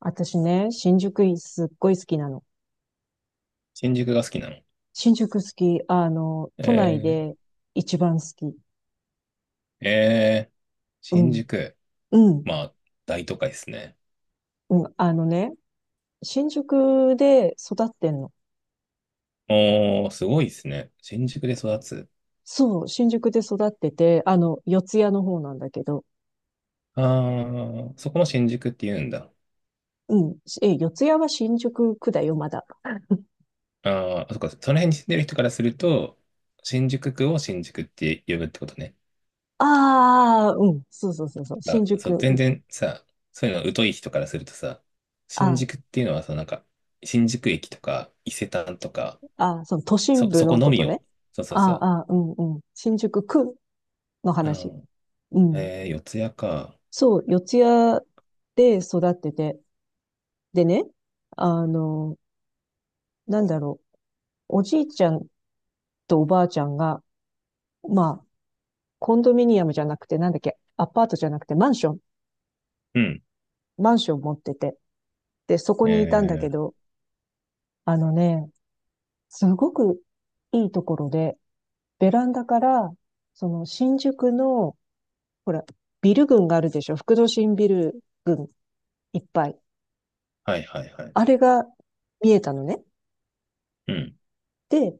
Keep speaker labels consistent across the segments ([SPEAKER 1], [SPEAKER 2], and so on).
[SPEAKER 1] 私ね、新宿すっごい好きなの。
[SPEAKER 2] 新宿が好きなの。
[SPEAKER 1] 新宿好き、都内で
[SPEAKER 2] え
[SPEAKER 1] 一番好き。
[SPEAKER 2] ー、えー、
[SPEAKER 1] う
[SPEAKER 2] 新
[SPEAKER 1] ん、
[SPEAKER 2] 宿。
[SPEAKER 1] うん、
[SPEAKER 2] まあ、大都会ですね。
[SPEAKER 1] うん。あのね、新宿で育ってんの。
[SPEAKER 2] おー、すごいですね。新宿で育つ。
[SPEAKER 1] そう、新宿で育ってて、四ツ谷の方なんだけど。
[SPEAKER 2] あー、そこも新宿って言うんだ。
[SPEAKER 1] うん。え、四ツ谷は新宿区だよ、まだ。
[SPEAKER 2] あー、そっか、その辺に住んでる人からすると、新宿区を新宿って呼ぶってことね。
[SPEAKER 1] ああ、うん。そうそうそうそう。
[SPEAKER 2] あ、
[SPEAKER 1] 新
[SPEAKER 2] そ
[SPEAKER 1] 宿、
[SPEAKER 2] う、
[SPEAKER 1] う
[SPEAKER 2] 全
[SPEAKER 1] ん。
[SPEAKER 2] 然さ、そういうの疎い人からするとさ、新
[SPEAKER 1] あ
[SPEAKER 2] 宿っていうのはさ、なんか、新宿駅とか、伊勢丹とか、
[SPEAKER 1] あ、その都心部
[SPEAKER 2] そこ
[SPEAKER 1] の
[SPEAKER 2] の
[SPEAKER 1] こ
[SPEAKER 2] み
[SPEAKER 1] とね。
[SPEAKER 2] を。そうそうそ
[SPEAKER 1] ああ、うんうん。新宿区の
[SPEAKER 2] う。う
[SPEAKER 1] 話。
[SPEAKER 2] ん。
[SPEAKER 1] うん。
[SPEAKER 2] 四谷か。
[SPEAKER 1] そう、四谷で育ってて。でね、あの、なんだろおじいちゃんとおばあちゃんが、まあ、コンドミニアムじゃなくて、なんだっけ、アパートじゃなくて、マンション、
[SPEAKER 2] うん。
[SPEAKER 1] マンション持ってて。で、そこ
[SPEAKER 2] え
[SPEAKER 1] にいたんだけ
[SPEAKER 2] ー
[SPEAKER 1] ど、あのね、すごくいいところで、ベランダから、その新宿の、ほら、ビル群があるでしょ。副都心ビル群いっぱい。
[SPEAKER 2] はいはいはい。
[SPEAKER 1] あれが見えたのね。
[SPEAKER 2] うん、
[SPEAKER 1] で、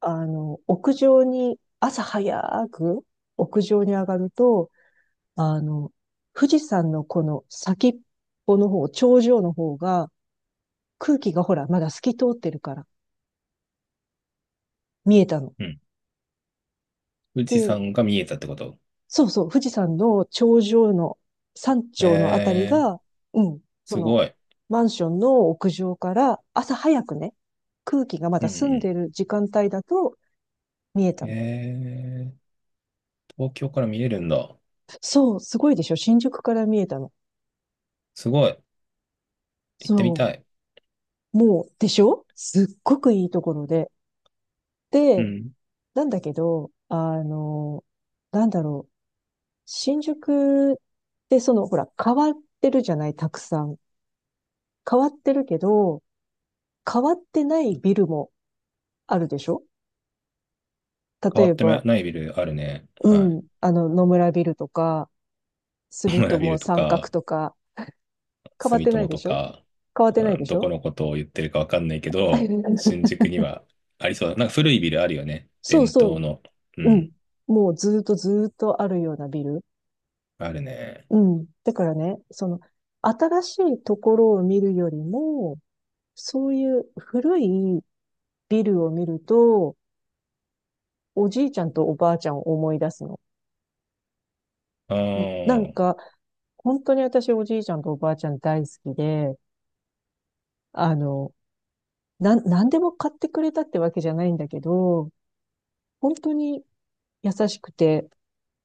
[SPEAKER 1] 屋上に、朝早く屋上に上がると、あの、富士山のこの先っぽの方、頂上の方が、空気がほら、まだ透き通ってるから見えたの。
[SPEAKER 2] うん。富士
[SPEAKER 1] で、
[SPEAKER 2] 山が見えたってこと
[SPEAKER 1] そうそう、富士山の頂上の山頂のあたり
[SPEAKER 2] えー、
[SPEAKER 1] が、うん、
[SPEAKER 2] すごい。
[SPEAKER 1] マンションの屋上から朝早くね、空気がま
[SPEAKER 2] うん
[SPEAKER 1] だ澄ん
[SPEAKER 2] う
[SPEAKER 1] でる時間帯だと見え
[SPEAKER 2] ん。
[SPEAKER 1] たの。
[SPEAKER 2] えー、東京から見えるんだ。
[SPEAKER 1] そう、すごいでしょ？新宿から見えたの。
[SPEAKER 2] すごい。行ってみ
[SPEAKER 1] そう。
[SPEAKER 2] たい。
[SPEAKER 1] もう、でしょ？すっごくいいところで。
[SPEAKER 2] う
[SPEAKER 1] で、
[SPEAKER 2] ん。
[SPEAKER 1] なんだけど、なんだろう。新宿ってほら、変わってるじゃない？たくさん。変わってるけど、変わってないビルもあるでしょ？
[SPEAKER 2] 変
[SPEAKER 1] 例
[SPEAKER 2] わ
[SPEAKER 1] え
[SPEAKER 2] ってな
[SPEAKER 1] ば、
[SPEAKER 2] いビルあるね。は
[SPEAKER 1] うん、野村ビルとか、
[SPEAKER 2] い。野
[SPEAKER 1] 住
[SPEAKER 2] 村ビ
[SPEAKER 1] 友
[SPEAKER 2] ルと
[SPEAKER 1] 三角
[SPEAKER 2] か、
[SPEAKER 1] とか、変わっ
[SPEAKER 2] 住
[SPEAKER 1] てない
[SPEAKER 2] 友
[SPEAKER 1] で
[SPEAKER 2] と
[SPEAKER 1] しょ？
[SPEAKER 2] か、
[SPEAKER 1] 変わってない
[SPEAKER 2] う
[SPEAKER 1] で
[SPEAKER 2] ん、
[SPEAKER 1] し
[SPEAKER 2] どこ
[SPEAKER 1] ょ？
[SPEAKER 2] のことを言ってるかわかんないけど、新 宿にはありそうだ。なんか古いビルあるよね。
[SPEAKER 1] そう
[SPEAKER 2] 伝
[SPEAKER 1] そう、
[SPEAKER 2] 統の。う
[SPEAKER 1] うん。
[SPEAKER 2] ん。
[SPEAKER 1] もうずーっとずーっとあるようなビル。
[SPEAKER 2] あるね。
[SPEAKER 1] うん。だからね、新しいところを見るよりも、そういう古いビルを見ると、おじいちゃんとおばあちゃんを思い出すの。
[SPEAKER 2] あ
[SPEAKER 1] な
[SPEAKER 2] あ、
[SPEAKER 1] んか、本当に私おじいちゃんとおばあちゃん大好きで、あの、何でも買ってくれたってわけじゃないんだけど、本当に優しくて、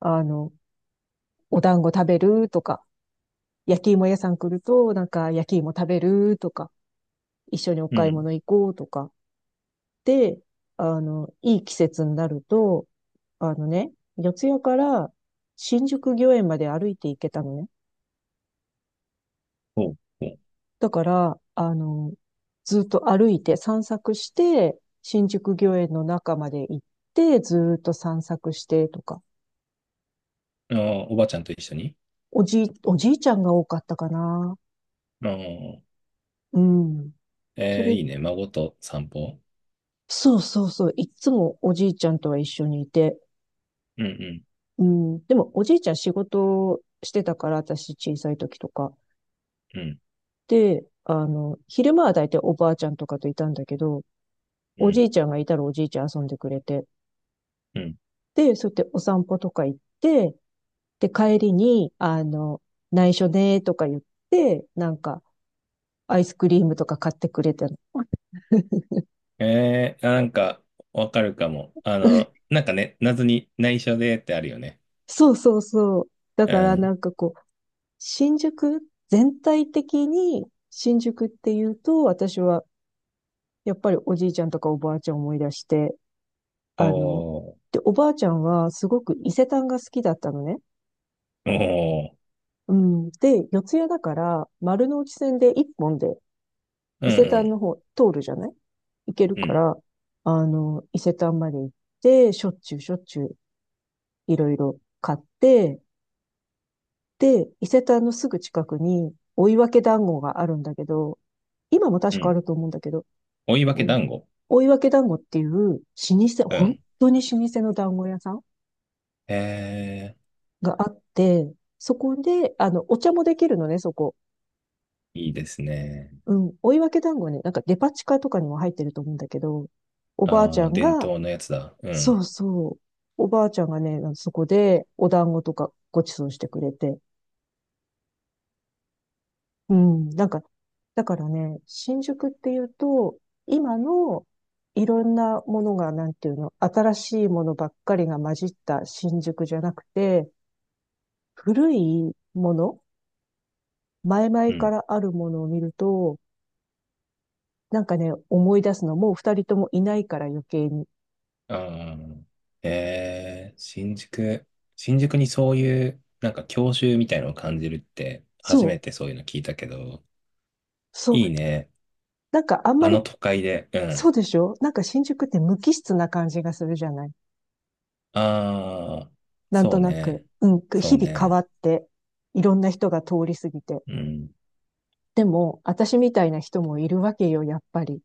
[SPEAKER 1] あの、お団子食べるとか、焼き芋屋さん来ると、なんか焼き芋食べるとか、一緒にお
[SPEAKER 2] う
[SPEAKER 1] 買い
[SPEAKER 2] ん。
[SPEAKER 1] 物行こうとか、で、いい季節になると、あのね、四谷から新宿御苑まで歩いて行けたのね。
[SPEAKER 2] おう、おう。
[SPEAKER 1] だから、ずっと歩いて散策して、新宿御苑の中まで行って、ずっと散策してとか。
[SPEAKER 2] ああ、おばあちゃんと一緒に。
[SPEAKER 1] おじいちゃんが多かったかな。
[SPEAKER 2] ああ、
[SPEAKER 1] うん。そ
[SPEAKER 2] えー、
[SPEAKER 1] れ、
[SPEAKER 2] いいね。孫と散歩。
[SPEAKER 1] そうそうそう。いっつもおじいちゃんとは一緒にいて。
[SPEAKER 2] うんうん
[SPEAKER 1] うん。でも、おじいちゃん仕事してたから、私小さい時とか。
[SPEAKER 2] うん
[SPEAKER 1] で、昼間は大体おばあちゃんとかといたんだけど、
[SPEAKER 2] う
[SPEAKER 1] お
[SPEAKER 2] ん
[SPEAKER 1] じいちゃんがいたらおじいちゃん遊んでくれて、
[SPEAKER 2] うん。
[SPEAKER 1] で、そうやってお散歩とか行って、で、帰りに、内緒ねーとか言って、なんか、アイスクリームとか買ってくれたの。
[SPEAKER 2] えー、あ、なんか、わかるかも。あの、なんかね、謎に内緒でってあるよね。
[SPEAKER 1] そうそうそう。だ
[SPEAKER 2] う
[SPEAKER 1] からな
[SPEAKER 2] ん。
[SPEAKER 1] んかこう、新宿、全体的に新宿っていうと、私はやっぱりおじいちゃんとかおばあちゃんを思い出して、あの、
[SPEAKER 2] おー、
[SPEAKER 1] で、おばあちゃんはすごく伊勢丹が好きだったのね。
[SPEAKER 2] おー、
[SPEAKER 1] うん。で、四谷だから、丸の内線で一本で
[SPEAKER 2] う
[SPEAKER 1] 伊
[SPEAKER 2] ん
[SPEAKER 1] 勢
[SPEAKER 2] う
[SPEAKER 1] 丹
[SPEAKER 2] ん
[SPEAKER 1] の方通るじゃない？行ける
[SPEAKER 2] う
[SPEAKER 1] か
[SPEAKER 2] ん
[SPEAKER 1] ら、伊勢丹まで行って、しょっちゅうしょっちゅういろいろ買って、で、伊勢丹のすぐ近くに追分団子があるんだけど、今も
[SPEAKER 2] う
[SPEAKER 1] 確かあ
[SPEAKER 2] ん。
[SPEAKER 1] ると思うんだけど、
[SPEAKER 2] 追い分け
[SPEAKER 1] うん、
[SPEAKER 2] 団子。
[SPEAKER 1] 追分団子っていう老舗、
[SPEAKER 2] う
[SPEAKER 1] 本
[SPEAKER 2] ん。
[SPEAKER 1] 当に老舗の団子屋さん
[SPEAKER 2] え
[SPEAKER 1] があって、そこで、お茶もできるのね、そこ。
[SPEAKER 2] ー、いいですね。
[SPEAKER 1] うん、追い分け団子ね、なんかデパ地下とかにも入ってると思うんだけど、おばあち
[SPEAKER 2] あ
[SPEAKER 1] ゃ
[SPEAKER 2] あ、
[SPEAKER 1] ん
[SPEAKER 2] 伝
[SPEAKER 1] が、
[SPEAKER 2] 統のやつだ。う
[SPEAKER 1] そ
[SPEAKER 2] ん。
[SPEAKER 1] うそう、おばあちゃんがね、そこでお団子とかごちそうしてくれて、うん、なんか、だからね、新宿っていうと、今のいろんなものが、なんていうの、新しいものばっかりが混じった新宿じゃなくて、古いもの、前
[SPEAKER 2] う
[SPEAKER 1] 々か
[SPEAKER 2] ん。
[SPEAKER 1] らあるものを見ると、なんかね、思い出すの、もう二人ともいないから余計に。
[SPEAKER 2] ああ、えー、新宿、新宿にそういう、なんか郷愁みたいのを感じるって、初
[SPEAKER 1] そ
[SPEAKER 2] め
[SPEAKER 1] う、
[SPEAKER 2] てそういうの聞いたけど、
[SPEAKER 1] そ
[SPEAKER 2] いい
[SPEAKER 1] う、
[SPEAKER 2] ね。
[SPEAKER 1] なんかあん
[SPEAKER 2] あ
[SPEAKER 1] まり、
[SPEAKER 2] の都会で。う
[SPEAKER 1] そ
[SPEAKER 2] ん。
[SPEAKER 1] うでしょ？なんか新宿って無機質な感じがするじゃない？
[SPEAKER 2] ああ、
[SPEAKER 1] なんと
[SPEAKER 2] そう
[SPEAKER 1] なく、
[SPEAKER 2] ね。
[SPEAKER 1] うん、
[SPEAKER 2] そ
[SPEAKER 1] 日
[SPEAKER 2] う
[SPEAKER 1] 々変わ
[SPEAKER 2] ね。
[SPEAKER 1] って、いろんな人が通り過ぎて。
[SPEAKER 2] うん。
[SPEAKER 1] でも、私みたいな人もいるわけよ、やっぱり。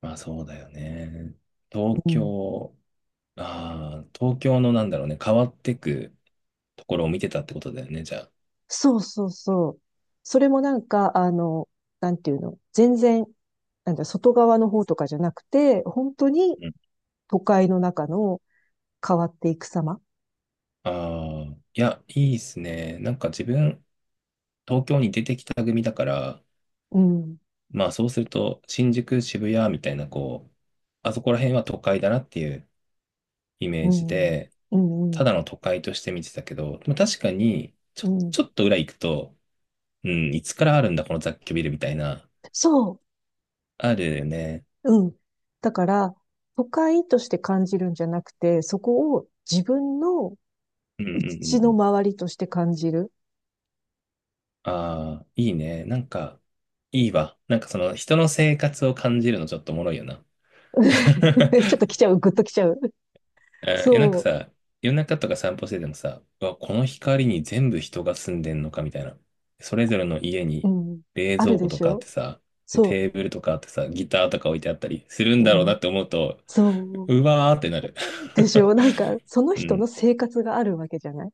[SPEAKER 2] まあそうだよね。東
[SPEAKER 1] うん。
[SPEAKER 2] 京、ああ、東京のなんだろうね、変わってくところを見てたってことだよね、じゃあ。
[SPEAKER 1] そうそうそう。それもなんか、なんていうの、全然、なんだ、外側の方とかじゃなくて、本当に
[SPEAKER 2] うん。
[SPEAKER 1] 都会の中の変わっていく様。
[SPEAKER 2] ああ、いや、いいっすね。なんか自分、東京に出てきた組だから、
[SPEAKER 1] うん、
[SPEAKER 2] まあそうすると、新宿、渋谷みたいな、こう、あそこら辺は都会だなっていうイメ
[SPEAKER 1] う
[SPEAKER 2] ージ
[SPEAKER 1] ん、
[SPEAKER 2] で、
[SPEAKER 1] うん、う
[SPEAKER 2] た
[SPEAKER 1] ん。
[SPEAKER 2] だの都会として見てたけど、でも確かに、
[SPEAKER 1] うん。
[SPEAKER 2] ちょっと裏行くと、うん、いつからあるんだ、この雑居ビルみたいな、
[SPEAKER 1] そう。
[SPEAKER 2] あるよね。
[SPEAKER 1] うん。だから、都会として感じるんじゃなくて、そこを自分の
[SPEAKER 2] うんうんう
[SPEAKER 1] うち
[SPEAKER 2] んう
[SPEAKER 1] の
[SPEAKER 2] ん。
[SPEAKER 1] 周りとして感じる。
[SPEAKER 2] ああ、いいね。なんか、いいわ。なんかその人の生活を感じるのちょっとおもろいよな。
[SPEAKER 1] ちょっと来 ちゃう、ぐっと来ちゃう。
[SPEAKER 2] うんいや、なんか
[SPEAKER 1] そ
[SPEAKER 2] さ、夜中とか散歩しててもさ、うわ、この光に全部人が住んでんのかみたいな。それぞれの家
[SPEAKER 1] う、
[SPEAKER 2] に
[SPEAKER 1] うん。
[SPEAKER 2] 冷
[SPEAKER 1] ある
[SPEAKER 2] 蔵庫
[SPEAKER 1] で
[SPEAKER 2] と
[SPEAKER 1] し
[SPEAKER 2] かあっ
[SPEAKER 1] ょ？
[SPEAKER 2] てさ、で、
[SPEAKER 1] そ
[SPEAKER 2] テーブルとかあってさ、ギターとか置いてあったりするん
[SPEAKER 1] う、
[SPEAKER 2] だろう
[SPEAKER 1] う
[SPEAKER 2] な
[SPEAKER 1] ん。
[SPEAKER 2] って思うと、
[SPEAKER 1] そう。
[SPEAKER 2] うわーってなる。
[SPEAKER 1] でしょ？なんか、その
[SPEAKER 2] う
[SPEAKER 1] 人の
[SPEAKER 2] ん、
[SPEAKER 1] 生活があるわけじゃない？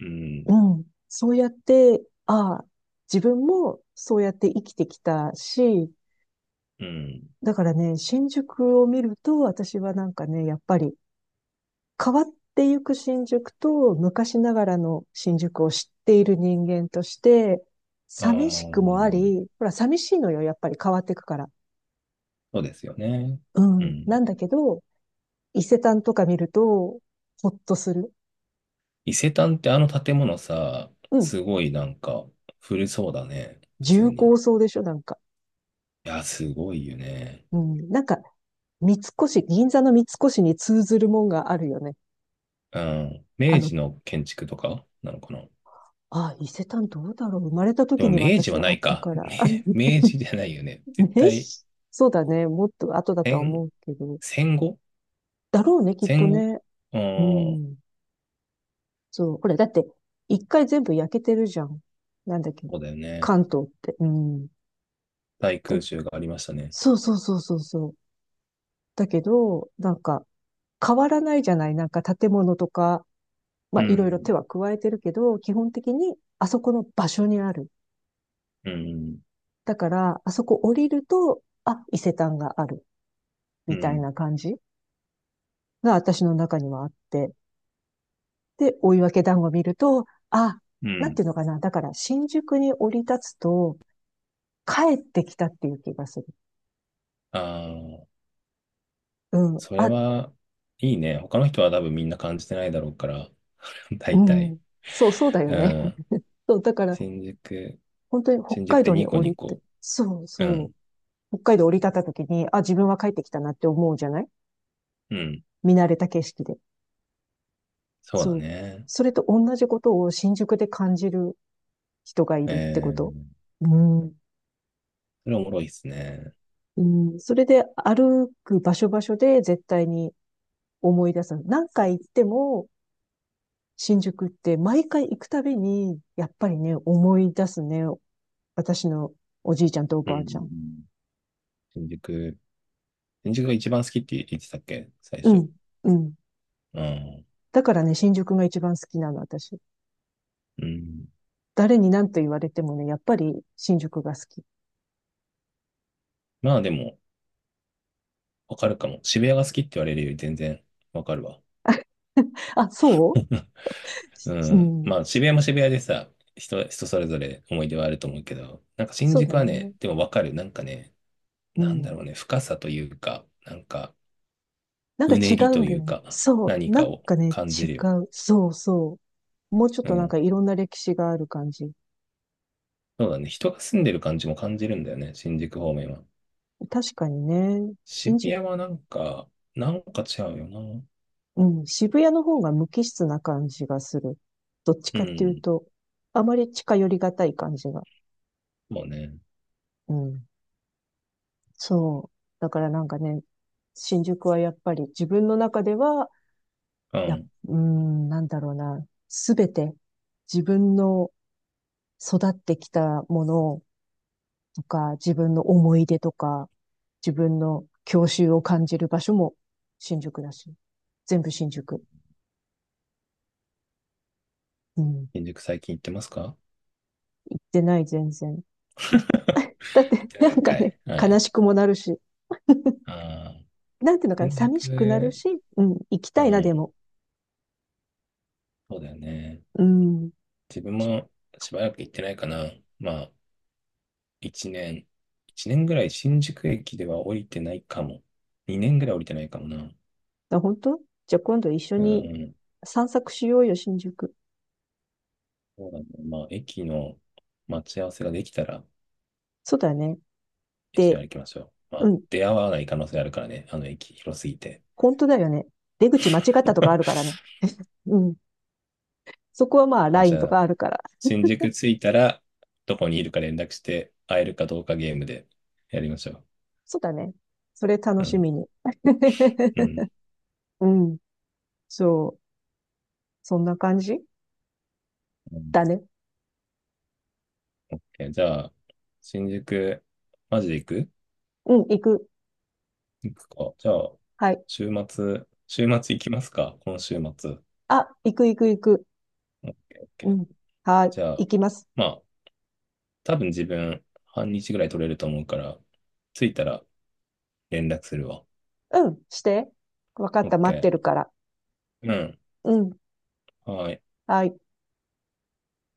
[SPEAKER 2] うん、
[SPEAKER 1] うん。そうやって、ああ、自分もそうやって生きてきたし、
[SPEAKER 2] うん。
[SPEAKER 1] だからね、新宿を見ると、私はなんかね、やっぱり、変わっていく新宿と昔ながらの新宿を知っている人間として、
[SPEAKER 2] あ
[SPEAKER 1] 寂しくもあ
[SPEAKER 2] ー
[SPEAKER 1] り、ほら、寂しいのよ、やっぱり変わっていくから。
[SPEAKER 2] そうですよね。
[SPEAKER 1] う
[SPEAKER 2] う
[SPEAKER 1] ん。な
[SPEAKER 2] ん。
[SPEAKER 1] んだけど、伊勢丹とか見ると、ほっとする。
[SPEAKER 2] 伊勢丹ってあの建物さ、
[SPEAKER 1] うん。
[SPEAKER 2] すごいなんか古そうだね。普
[SPEAKER 1] 重
[SPEAKER 2] 通に。い
[SPEAKER 1] 厚そうでしょ？なんか。
[SPEAKER 2] や、すごいよね。
[SPEAKER 1] うん。なんか、三越、銀座の三越に通ずるもんがあるよね。
[SPEAKER 2] うん。
[SPEAKER 1] あ
[SPEAKER 2] 明
[SPEAKER 1] の、
[SPEAKER 2] 治の建築とかなのかな。
[SPEAKER 1] あ、伊勢丹どうだろう？生まれた
[SPEAKER 2] で
[SPEAKER 1] 時
[SPEAKER 2] も
[SPEAKER 1] に
[SPEAKER 2] 明治
[SPEAKER 1] 私
[SPEAKER 2] は
[SPEAKER 1] あ
[SPEAKER 2] な
[SPEAKER 1] っ
[SPEAKER 2] い
[SPEAKER 1] た
[SPEAKER 2] か。
[SPEAKER 1] から。あ
[SPEAKER 2] め明治じゃないよね。絶
[SPEAKER 1] ね、
[SPEAKER 2] 対、
[SPEAKER 1] そうだね。もっと後だとは
[SPEAKER 2] 戦、
[SPEAKER 1] 思うけど。
[SPEAKER 2] 戦後
[SPEAKER 1] だろうね、きっと
[SPEAKER 2] 戦後
[SPEAKER 1] ね。
[SPEAKER 2] う
[SPEAKER 1] う
[SPEAKER 2] ん。
[SPEAKER 1] ん。そう。ほら、だって、一回全部焼けてるじゃん。なんだっけ。
[SPEAKER 2] そうだよね。
[SPEAKER 1] 関東って。うん。
[SPEAKER 2] 大
[SPEAKER 1] だ、
[SPEAKER 2] 空襲がありましたね。
[SPEAKER 1] そうそうそうそうそう。だけど、なんか、変わらないじゃない？なんか建物とか、ま
[SPEAKER 2] う
[SPEAKER 1] あ、いろいろ
[SPEAKER 2] ん。
[SPEAKER 1] 手は加えてるけど、基本的にあそこの場所にある。
[SPEAKER 2] うん。
[SPEAKER 1] だから、あそこ降りると、あ、伊勢丹がある。
[SPEAKER 2] う
[SPEAKER 1] みたい
[SPEAKER 2] ん。
[SPEAKER 1] な感じが私の中にはあって。で、追分団子見ると、あ、
[SPEAKER 2] う
[SPEAKER 1] なん
[SPEAKER 2] ん。
[SPEAKER 1] ていうのかな。だから、新宿に降り立つと、帰ってきたっていう気がする。
[SPEAKER 2] ああ、
[SPEAKER 1] うん。
[SPEAKER 2] それ
[SPEAKER 1] あ、
[SPEAKER 2] は、いいね。他の人は多分みんな感じてないだろうから、
[SPEAKER 1] う
[SPEAKER 2] 大体。
[SPEAKER 1] ん。そう、そうだよ
[SPEAKER 2] う
[SPEAKER 1] ね。
[SPEAKER 2] ん。
[SPEAKER 1] そう、だから、
[SPEAKER 2] 新宿、
[SPEAKER 1] 本当に北
[SPEAKER 2] 新宿
[SPEAKER 1] 海
[SPEAKER 2] で
[SPEAKER 1] 道
[SPEAKER 2] ニ
[SPEAKER 1] に
[SPEAKER 2] コ
[SPEAKER 1] 降
[SPEAKER 2] ニ
[SPEAKER 1] りて、
[SPEAKER 2] コ。
[SPEAKER 1] そう
[SPEAKER 2] う
[SPEAKER 1] そ
[SPEAKER 2] ん。
[SPEAKER 1] う。北海道降り立った時に、あ、自分は帰ってきたなって思うじゃない？
[SPEAKER 2] うん。
[SPEAKER 1] 見慣れた景色で。
[SPEAKER 2] そうだ
[SPEAKER 1] そう。
[SPEAKER 2] ね。
[SPEAKER 1] それと同じことを新宿で感じる人がい
[SPEAKER 2] え
[SPEAKER 1] るってこと。
[SPEAKER 2] ー、
[SPEAKER 1] うん。
[SPEAKER 2] それおもろいっすね。
[SPEAKER 1] うん。それで歩く場所場所で絶対に思い出す。何回行っても、新宿って毎回行くたびに、やっぱりね、思い出すね。私のおじいちゃんとお
[SPEAKER 2] うん
[SPEAKER 1] ば
[SPEAKER 2] うん
[SPEAKER 1] あ
[SPEAKER 2] う
[SPEAKER 1] ちゃん。
[SPEAKER 2] ん。新宿、新宿が一番好きって言ってたっけ最
[SPEAKER 1] う
[SPEAKER 2] 初。
[SPEAKER 1] ん、うん。
[SPEAKER 2] うん。
[SPEAKER 1] だからね、新宿が一番好きなの、私。
[SPEAKER 2] うん。
[SPEAKER 1] 誰に何と言われてもね、やっぱり新宿が好き。
[SPEAKER 2] まあでも、わかるかも。渋谷が好きって言われるより全然わかるわ。
[SPEAKER 1] あ、そ
[SPEAKER 2] う
[SPEAKER 1] う。う
[SPEAKER 2] ん。
[SPEAKER 1] ん。
[SPEAKER 2] まあ、渋谷も渋谷でさ、人、人それぞれ思い出はあると思うけど、なんか新
[SPEAKER 1] そう
[SPEAKER 2] 宿
[SPEAKER 1] だ
[SPEAKER 2] は
[SPEAKER 1] ね。
[SPEAKER 2] ね、でもわかる。なんかね、
[SPEAKER 1] う
[SPEAKER 2] なんだ
[SPEAKER 1] ん。
[SPEAKER 2] ろうね、深さというか、なんか、
[SPEAKER 1] なんか
[SPEAKER 2] うね
[SPEAKER 1] 違
[SPEAKER 2] り
[SPEAKER 1] うん
[SPEAKER 2] と
[SPEAKER 1] だ
[SPEAKER 2] いう
[SPEAKER 1] よね。
[SPEAKER 2] か、
[SPEAKER 1] そう。
[SPEAKER 2] 何
[SPEAKER 1] な
[SPEAKER 2] か
[SPEAKER 1] ん
[SPEAKER 2] を
[SPEAKER 1] かね、
[SPEAKER 2] 感
[SPEAKER 1] 違
[SPEAKER 2] じるよ。
[SPEAKER 1] う。そうそう。もうちょっ
[SPEAKER 2] う
[SPEAKER 1] となん
[SPEAKER 2] ん。
[SPEAKER 1] かいろんな歴史がある感じ。
[SPEAKER 2] そうだね。人が住んでる感じも感じるんだよね、新宿方面は。
[SPEAKER 1] 確かにね、
[SPEAKER 2] 渋
[SPEAKER 1] 新宿、
[SPEAKER 2] 谷はなんか、なんか違うよな。
[SPEAKER 1] うん、渋谷の方が無機質な感じがする。どっち
[SPEAKER 2] う
[SPEAKER 1] かっていう
[SPEAKER 2] ん。
[SPEAKER 1] と、あまり近寄りがたい感じが。
[SPEAKER 2] そうね。
[SPEAKER 1] うん。そう。だからなんかね、新宿はやっぱり自分の中では、
[SPEAKER 2] う
[SPEAKER 1] やっ、
[SPEAKER 2] ん。
[SPEAKER 1] うーん、なんだろうな、すべて自分の育ってきたものとか、自分の思い出とか、自分の郷愁を感じる場所も新宿だし、全部新宿。うん。
[SPEAKER 2] 新宿最近行ってますか？
[SPEAKER 1] 行ってない、全然。だっ
[SPEAKER 2] 行っ
[SPEAKER 1] て、
[SPEAKER 2] て
[SPEAKER 1] な
[SPEAKER 2] ない
[SPEAKER 1] ん
[SPEAKER 2] ん
[SPEAKER 1] か
[SPEAKER 2] か
[SPEAKER 1] ね、
[SPEAKER 2] い。は
[SPEAKER 1] 悲
[SPEAKER 2] い。
[SPEAKER 1] しくもなるし、
[SPEAKER 2] ああ、
[SPEAKER 1] なんていうのかな、
[SPEAKER 2] 新
[SPEAKER 1] 寂しくなる
[SPEAKER 2] 宿、
[SPEAKER 1] し、うん、行き
[SPEAKER 2] う
[SPEAKER 1] たいな、で
[SPEAKER 2] ん。
[SPEAKER 1] も。
[SPEAKER 2] そうだよね。
[SPEAKER 1] うん。
[SPEAKER 2] 自分もしばらく行ってないかな。まあ、1年、1年ぐらい新宿駅では降りてないかも。2年ぐらい降りてないかもな。
[SPEAKER 1] 本当、じゃあ今度一緒
[SPEAKER 2] う
[SPEAKER 1] に
[SPEAKER 2] ん。
[SPEAKER 1] 散策しようよ、新宿。
[SPEAKER 2] そうだね。まあ、駅の待ち合わせができたら
[SPEAKER 1] そうだよね。
[SPEAKER 2] 一緒に
[SPEAKER 1] で、
[SPEAKER 2] 歩きましょう。ま
[SPEAKER 1] う
[SPEAKER 2] あ、
[SPEAKER 1] ん、
[SPEAKER 2] 出会わない可能性あるからね。あの駅広すぎて。
[SPEAKER 1] 本当だよね。出口間違ったとかあるから ね。うん。そこはまあ、
[SPEAKER 2] あ、
[SPEAKER 1] ライ
[SPEAKER 2] じ
[SPEAKER 1] ンと
[SPEAKER 2] ゃ
[SPEAKER 1] か
[SPEAKER 2] あ、
[SPEAKER 1] あるから。
[SPEAKER 2] 新宿着いたら、どこにいるか連絡して、会えるかどうかゲームでやりましょ
[SPEAKER 1] そうだね。それ楽
[SPEAKER 2] う。う
[SPEAKER 1] し
[SPEAKER 2] ん。
[SPEAKER 1] みに。
[SPEAKER 2] うん。
[SPEAKER 1] うん。そう。そんな感じ
[SPEAKER 2] うん、
[SPEAKER 1] だね。
[SPEAKER 2] じゃあ、新宿、マジで行く？
[SPEAKER 1] うん、行く。
[SPEAKER 2] 行くか。じゃあ、
[SPEAKER 1] はい。
[SPEAKER 2] 週末、週末行きますか、今週末。
[SPEAKER 1] あ、行く行く行く。
[SPEAKER 2] オッケーオッケ
[SPEAKER 1] う
[SPEAKER 2] ー
[SPEAKER 1] ん。はい。
[SPEAKER 2] じゃあ、
[SPEAKER 1] 行きます。
[SPEAKER 2] まあ、多分自分、半日ぐらい取れると思うから、着いたら連絡するわ。
[SPEAKER 1] うん、して。わかっ
[SPEAKER 2] オッ
[SPEAKER 1] た、待っ
[SPEAKER 2] ケ
[SPEAKER 1] てるから。
[SPEAKER 2] ーうん。
[SPEAKER 1] うん。
[SPEAKER 2] はい。
[SPEAKER 1] はい。